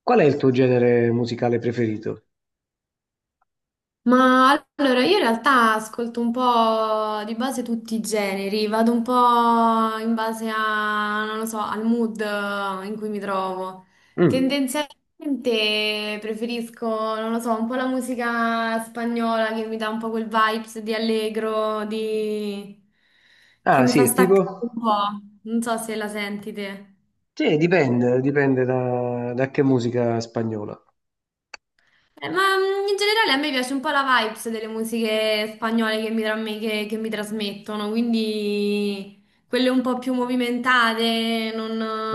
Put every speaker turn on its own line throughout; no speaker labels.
Qual è il tuo genere musicale preferito?
Ma allora io in realtà ascolto un po' di base tutti i generi, vado un po' in base a, non lo so, al mood in cui mi trovo.
Mm.
Tendenzialmente preferisco, non lo so, un po' la musica spagnola che mi dà un po' quel vibes di allegro, che
Ah,
mi
sì,
fa
è
staccare un
tipo?
po'. Non so se la senti te.
Sì, dipende da che musica spagnola.
Ma in generale a me piace un po' la vibes delle musiche spagnole che mi trasmettono, quindi quelle un po' più movimentate,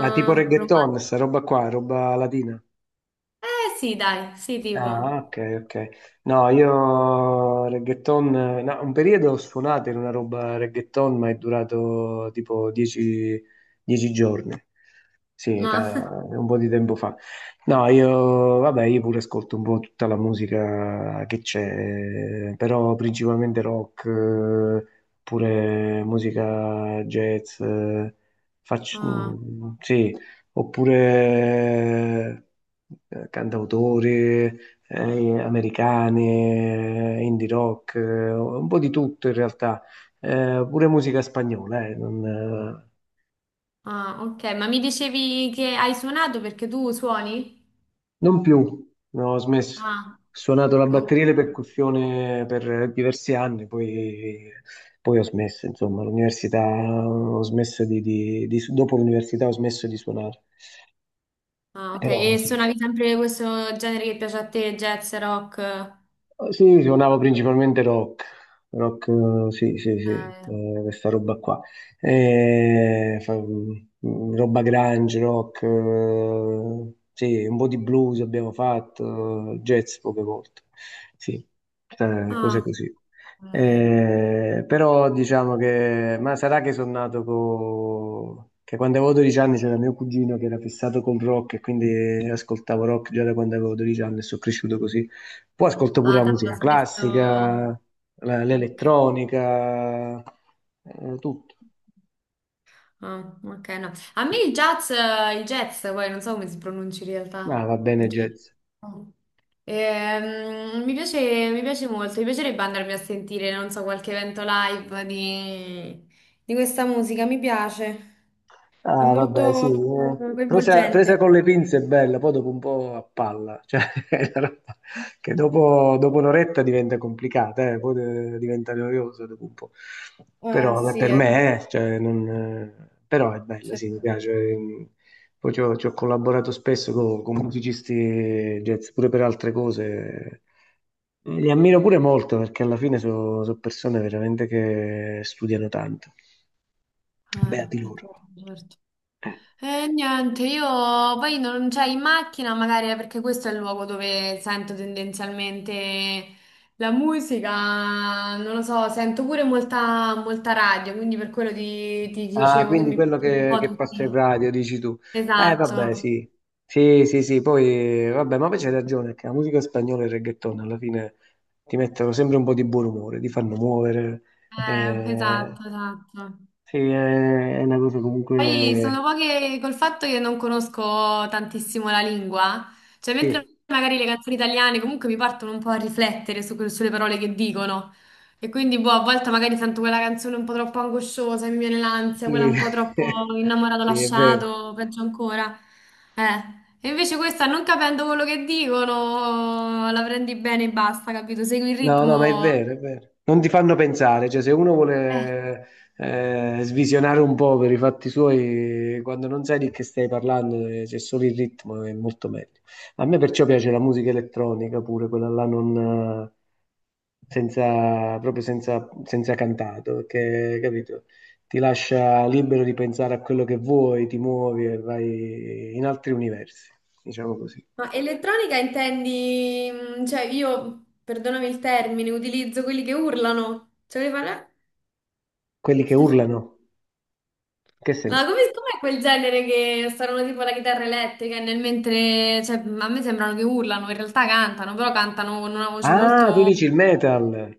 Ma tipo
romantiche.
reggaeton, sta roba qua, roba latina.
Eh sì, dai, sì, tipo.
Ah, ok, ok. No, io reggaeton, no, un periodo ho suonato in una roba reggaeton, ma è durato tipo 10 giorni. Sì,
Ma,
un po' di tempo fa. No, io, vabbè, io pure ascolto un po' tutta la musica che c'è, però principalmente rock, pure musica jazz, faccio,
ah,
sì, oppure cantautori, americane, indie rock, un po' di tutto in realtà. Pure musica spagnola, non,
ah, ok, ma mi dicevi che hai suonato perché tu suoni?
non più, no, ho smesso.
Ah,
Ho suonato la
ok.
batteria e le percussioni per diversi anni, poi ho smesso, insomma, l'università, ho smesso dopo l'università ho smesso di suonare,
Ah, ok,
però
e
sì.
suonavi sempre questo genere che piace a te, jazz, rock?
Sì, suonavo principalmente rock, rock, sì, sì, sì,
Eh,
questa roba qua. Roba grunge, rock, sì, un po' di blues abbiamo fatto, jazz poche volte, sì, cose
Ah,
così.
ok.
Però diciamo che, ma sarà che sono nato che quando avevo 12 anni c'era mio cugino che era fissato col rock e quindi ascoltavo rock già da quando avevo 12 anni e sono cresciuto così. Poi ascolto pure
Ah,
la
t'aveva
musica
smesso.
classica,
Ok,
l'elettronica, tutto.
ah, ok, no. A me il jazz, poi non so come si pronuncia in
Ma
realtà.
va
Il
bene
jazz.
jazz.
Oh. Mi piace, mi piace molto, mi piacerebbe andarmi a sentire, non so, qualche evento live di questa musica, mi piace. È
Ah, vabbè,
molto
sì. Presa, presa
coinvolgente.
con le pinze è bella, poi dopo un po' a palla, cioè è una roba che dopo un'oretta diventa complicata. Poi diventa noiosa dopo un po'. Però vabbè,
Sì,
per
eh.
me, cioè, non, però è bella,
Sì.
sì, mi piace. Poi ci ho collaborato spesso con musicisti jazz, pure per altre cose. Li ammiro pure molto perché alla fine sono persone veramente che studiano tanto.
Eh,
Beati loro.
certo. Certo.
Eh.
E niente, io poi non c'è in macchina, magari perché questo è il luogo dove sento tendenzialmente la musica, non lo so, sento pure molta radio, quindi per quello ti
Ah,
dicevo che
quindi
mi
quello
piacciono un
che,
po'
che passa in
tutti.
radio, dici tu. Vabbè,
Esatto,
sì. Sì, sì, sì, poi, vabbè, ma poi c'hai ragione, che la musica spagnola e il reggaeton alla fine ti mettono sempre un po' di buon umore, ti fanno muovere. Eh,
esatto, esatto.
sì, è una cosa
Poi sono
comunque.
poche col fatto che non conosco tantissimo la lingua, cioè mentre
Sì,
magari le canzoni italiane comunque mi partono un po' a riflettere sulle parole che dicono e quindi boh, a volte magari sento quella canzone un po' troppo angosciosa, mi viene l'ansia, quella
sì,
un po' troppo innamorato
sì, è vero.
lasciato, peggio ancora. E invece questa non capendo quello che dicono la prendi bene e basta, capito? Segui il
No, no, ma è
ritmo.
vero, è vero. Non ti fanno pensare, cioè se uno
Eh.
vuole svisionare un po' per i fatti suoi, quando non sai di che stai parlando, c'è solo il ritmo, è molto meglio. A me perciò piace la musica elettronica pure, quella là non, senza, proprio senza, senza cantato, perché, capito, ti lascia libero di pensare a quello che vuoi, ti muovi e vai in altri universi, diciamo così.
Ma elettronica intendi, cioè io, perdonami il termine, utilizzo quelli che urlano. Cioè, che fanno, "Eh?"
Quelli che urlano, in che
Ma
senso?
com'è quel genere che suonano tipo la chitarra elettrica e nel mentre, cioè, a me sembrano che urlano, in realtà cantano, però cantano con una voce
Ah, tu
molto.
dici il metal,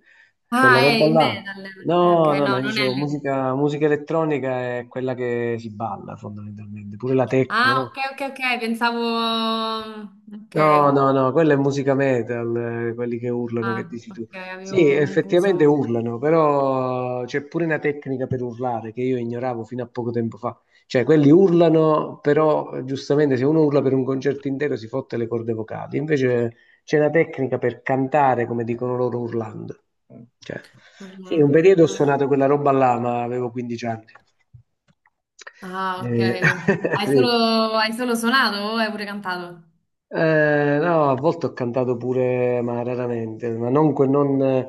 quella
Ah, è
roba
il
là.
metal. Ok, ok,
No, no, no,
no,
io
non è
dicevo
l'elettronica.
musica elettronica è quella che si balla fondamentalmente, pure la techno,
Ah, ok,
no?
ok, ok, pensavo. Ok.
No, no, no, quella è musica metal, quelli che urlano, che
Ah,
dici tu.
ok,
Sì,
avevo
effettivamente
confuso
urlano, però c'è pure una tecnica per urlare che io ignoravo fino a poco tempo fa. Cioè, quelli urlano, però giustamente se uno urla per un concerto intero si fotte le corde vocali. Invece c'è una tecnica per cantare, come dicono loro, urlando. Cioè, sì, un
urlando.
periodo ho
Ah.
suonato quella roba là, ma avevo 15 anni.
Ah, ok.
Eh,
Hai solo,
sì.
hai solo suonato o hai pure cantato?
No, a volte ho cantato pure, ma raramente, ma non,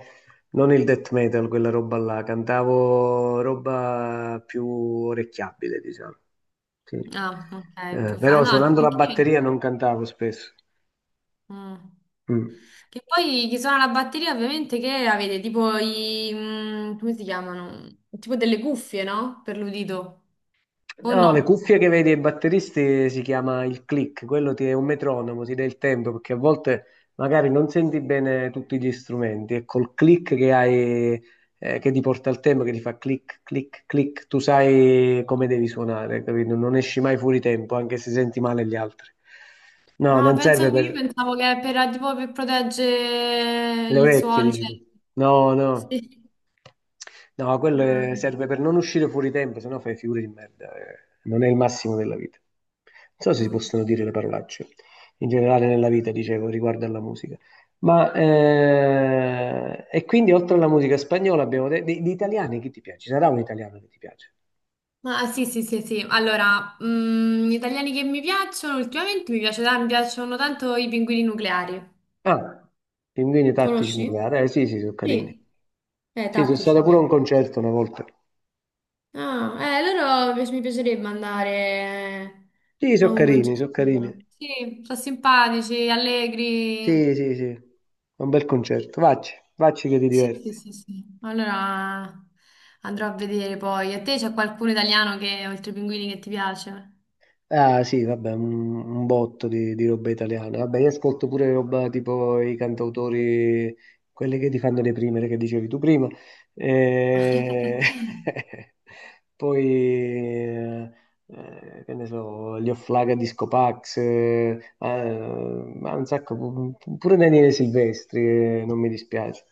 non il death metal, quella roba là, cantavo roba più orecchiabile, diciamo. Sì.
Ah, ok,
Eh,
più fa.
però
No, anche
suonando la
perché.
batteria non cantavo spesso.
Mm.
Mm.
Che poi chi suona la batteria ovviamente che avete tipo i, come si chiamano? Tipo delle cuffie, no? Per l'udito. O
No, le
no?
cuffie che vedi ai batteristi si chiama il click, quello ti è un metronomo, ti dà il tempo perché a volte magari non senti bene tutti gli strumenti e col click che hai, che ti porta al tempo, che ti fa click, click, click, tu sai come devi suonare, capito? Non esci mai fuori tempo anche se senti male gli altri. No,
Ah,
non
penso
serve
che io
per.
pensavo che tipo, per proteggere
Le
il
orecchie,
suono.
dici
Cioè.
tu. No, no,
Sì.
no, quello
Ah, vedi.
serve per non uscire fuori tempo, sennò fai figure di merda. Non è il massimo della vita. Non so se si possono dire le parolacce in generale nella vita, dicevo, riguardo alla musica. Ma e quindi oltre alla musica spagnola abbiamo detto di italiani chi ti piace? Ci sarà un italiano che ti piace?
Ma ah, sì, sì, sì, sì. Allora, gli italiani che mi piacciono, ultimamente mi piacciono tanto i pinguini nucleari.
Ah, Pinguini Tattici
Conosci?
Nucleari. Eh sì, sì, sono carini.
Sì,
Sì, sono
tattici, è
stato pure a un
vero.
concerto una volta.
Ah, loro mi piacerebbe andare
Sì,
a
sono
un
carini,
concerto
sono carini.
loro. Sì, sono simpatici, allegri.
Sì, sì, sì, è un bel concerto. Vacci, vacci che ti
Sì, sì,
diverti.
sì, sì. Allora andrò a vedere poi. A te c'è qualcuno italiano che, oltre ai pinguini, che ti piace?
Ah, sì, vabbè, un botto di roba italiana. Vabbè, io ascolto pure roba tipo i cantautori, quelli che ti fanno le prime, che dicevi tu prima. E. Poi, che ne so, gli Offlaga Disco Pax, ah, ma un sacco, pure Daniele Silvestri, non mi dispiace.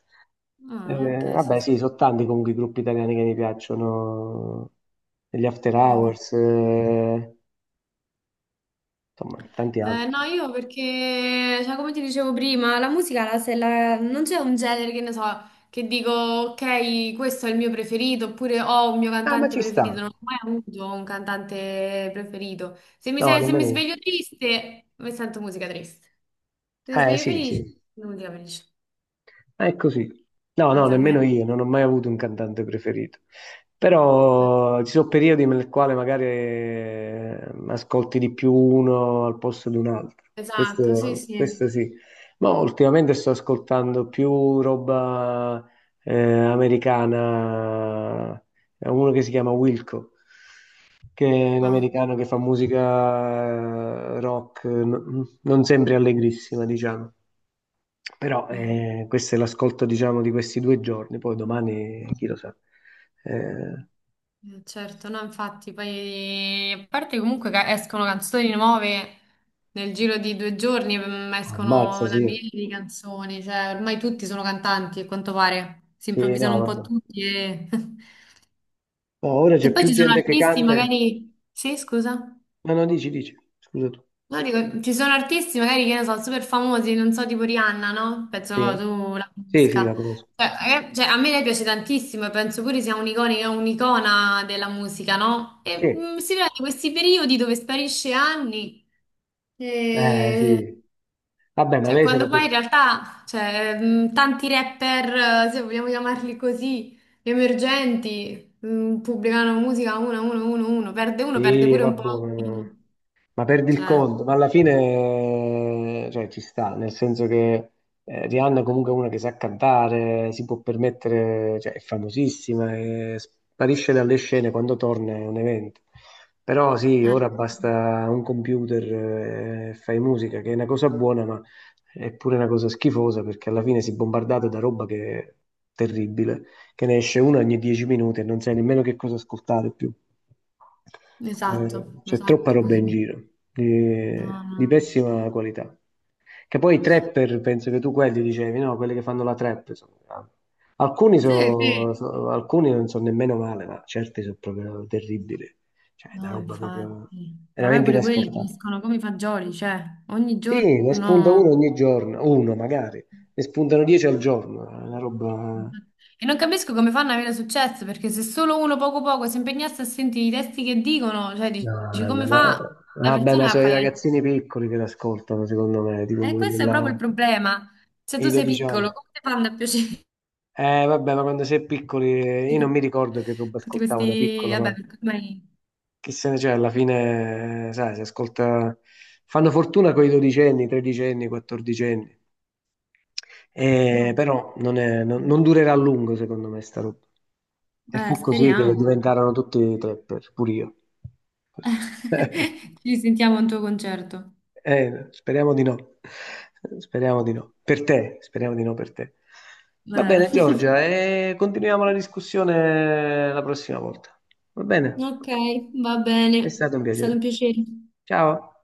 Eh,
Ah, ok, sì,
Vabbè,
sì.
sì, sono tanti comunque i gruppi italiani che mi piacciono, gli After
Mm.
Hours, insomma, tanti
No,
altri.
io perché, cioè, come ti dicevo prima, la musica la- se la- non c'è un genere che ne so, che dico, ok, questo è il mio preferito, oppure ho un mio
Ah, ma
cantante
ci sta.
preferito. Non ho mai avuto un cantante preferito. Se mi,
No,
se- se mi
nemmeno io.
sveglio triste, mi sento musica triste. Se mi sveglio
Sì,
felice,
sì.
musica felice,
È così. No, no, nemmeno
sostanzialmente.
io, non ho mai avuto un cantante preferito.
Eh,
Però ci sono periodi nel quale magari ascolti di più uno al posto di un altro.
Esatto, sì,
Questo,
sì.
questo sì. Ma ultimamente sto ascoltando più roba americana. È uno che si chiama Wilco, che è un
Ah,
americano che fa musica rock, non sempre allegrissima, diciamo. Però
mm.
questo è l'ascolto, diciamo, di questi 2 giorni, poi domani chi lo sa. Eh,
Certo, no, infatti, poi a parte comunque che escono canzoni nuove nel giro di 2 giorni, escono
Ammazza,
una
sì.
miriade di canzoni, cioè ormai tutti sono cantanti, a quanto pare, si
Sì,
improvvisano
no,
un po'
vabbè.
tutti e,
No, ora
e
c'è
poi
più
ci sono
gente che
artisti
canta.
magari. Sì, scusa?
No, no, dici, dici. Scusa tu.
No, dico, ci sono artisti magari che ne so, super famosi, non so, tipo Rihanna, no? Penso
Sì,
tu la
sì, sì,
conosca.
la conosco.
Cioè, a me lei piace tantissimo e penso pure sia un'iconica, un'icona della musica, no?
Sì,
E si vede questi periodi dove sparisce anni. E...
sì. Vabbè, ma
Cioè,
lei se
quando
lo
poi in
può.
realtà, cioè, tanti rapper, se vogliamo chiamarli così, emergenti, pubblicano musica uno, uno, uno, uno, perde
Sì,
pure un po'.
vabbè, ma perdi il
Cioè,
conto, ma alla fine cioè, ci sta, nel senso che Rihanna è comunque una che sa cantare, si può permettere, cioè, è famosissima, e sparisce dalle scene quando torna è un evento. Però sì,
eh.
ora basta un computer e fai musica, che è una cosa buona, ma è pure una cosa schifosa perché alla fine si è bombardato da roba che è terribile che ne esce una ogni 10 minuti e non sai nemmeno che cosa ascoltare più.
Esatto,
C'è troppa
esatto.
roba in giro, di,
No,
di
no.
pessima qualità. Che poi i trapper, penso che tu quelli dicevi, no? Quelli che fanno la trap. Grandi. Alcuni,
Sì, sì.
alcuni non sono nemmeno male, ma certi sono proprio terribili. Cioè, è una
No,
roba proprio
infatti. Vabbè,
veramente
pure quelli
inascoltabile.
crescono come i fagioli, cioè, ogni
Sì, ne spunta uno
giorno.
ogni giorno, uno magari, ne spuntano 10 al giorno, è una roba.
E non capisco come fanno ad avere successo, perché se solo uno poco poco si impegnasse a sentire i testi che dicono, cioè,
No,
dici, come fa la
vabbè, ma
persona a
sono i
fare.
ragazzini piccoli che l'ascoltano, secondo me, tipo
E
quelli
questo è
là,
proprio il problema. Se tu
i
sei
12
piccolo,
anni.
come ti fanno a piacere?
Vabbè, ma quando sei piccoli, io non mi ricordo che roba
Tutti
ascoltavo da
questi.
piccolo,
Vabbè,
ma
ormai,
chi se ne c'è, alla fine, sai, si ascolta. Fanno fortuna con i dodicenni, tredicenni, quattordicenni.
no.
Però non, non durerà a lungo, secondo me, sta roba. E fu così che
Speriamo.
diventarono tutti trapper, pure io. Così.
Ci sentiamo a un tuo concerto.
Speriamo di no. Speriamo di no. Per te, speriamo di no per te. Va
Eh.
bene, Giorgia, e continuiamo la discussione la prossima volta. Va bene?
Ok, va
È
bene,
stato un
è stato un
piacere.
piacere.
Ciao.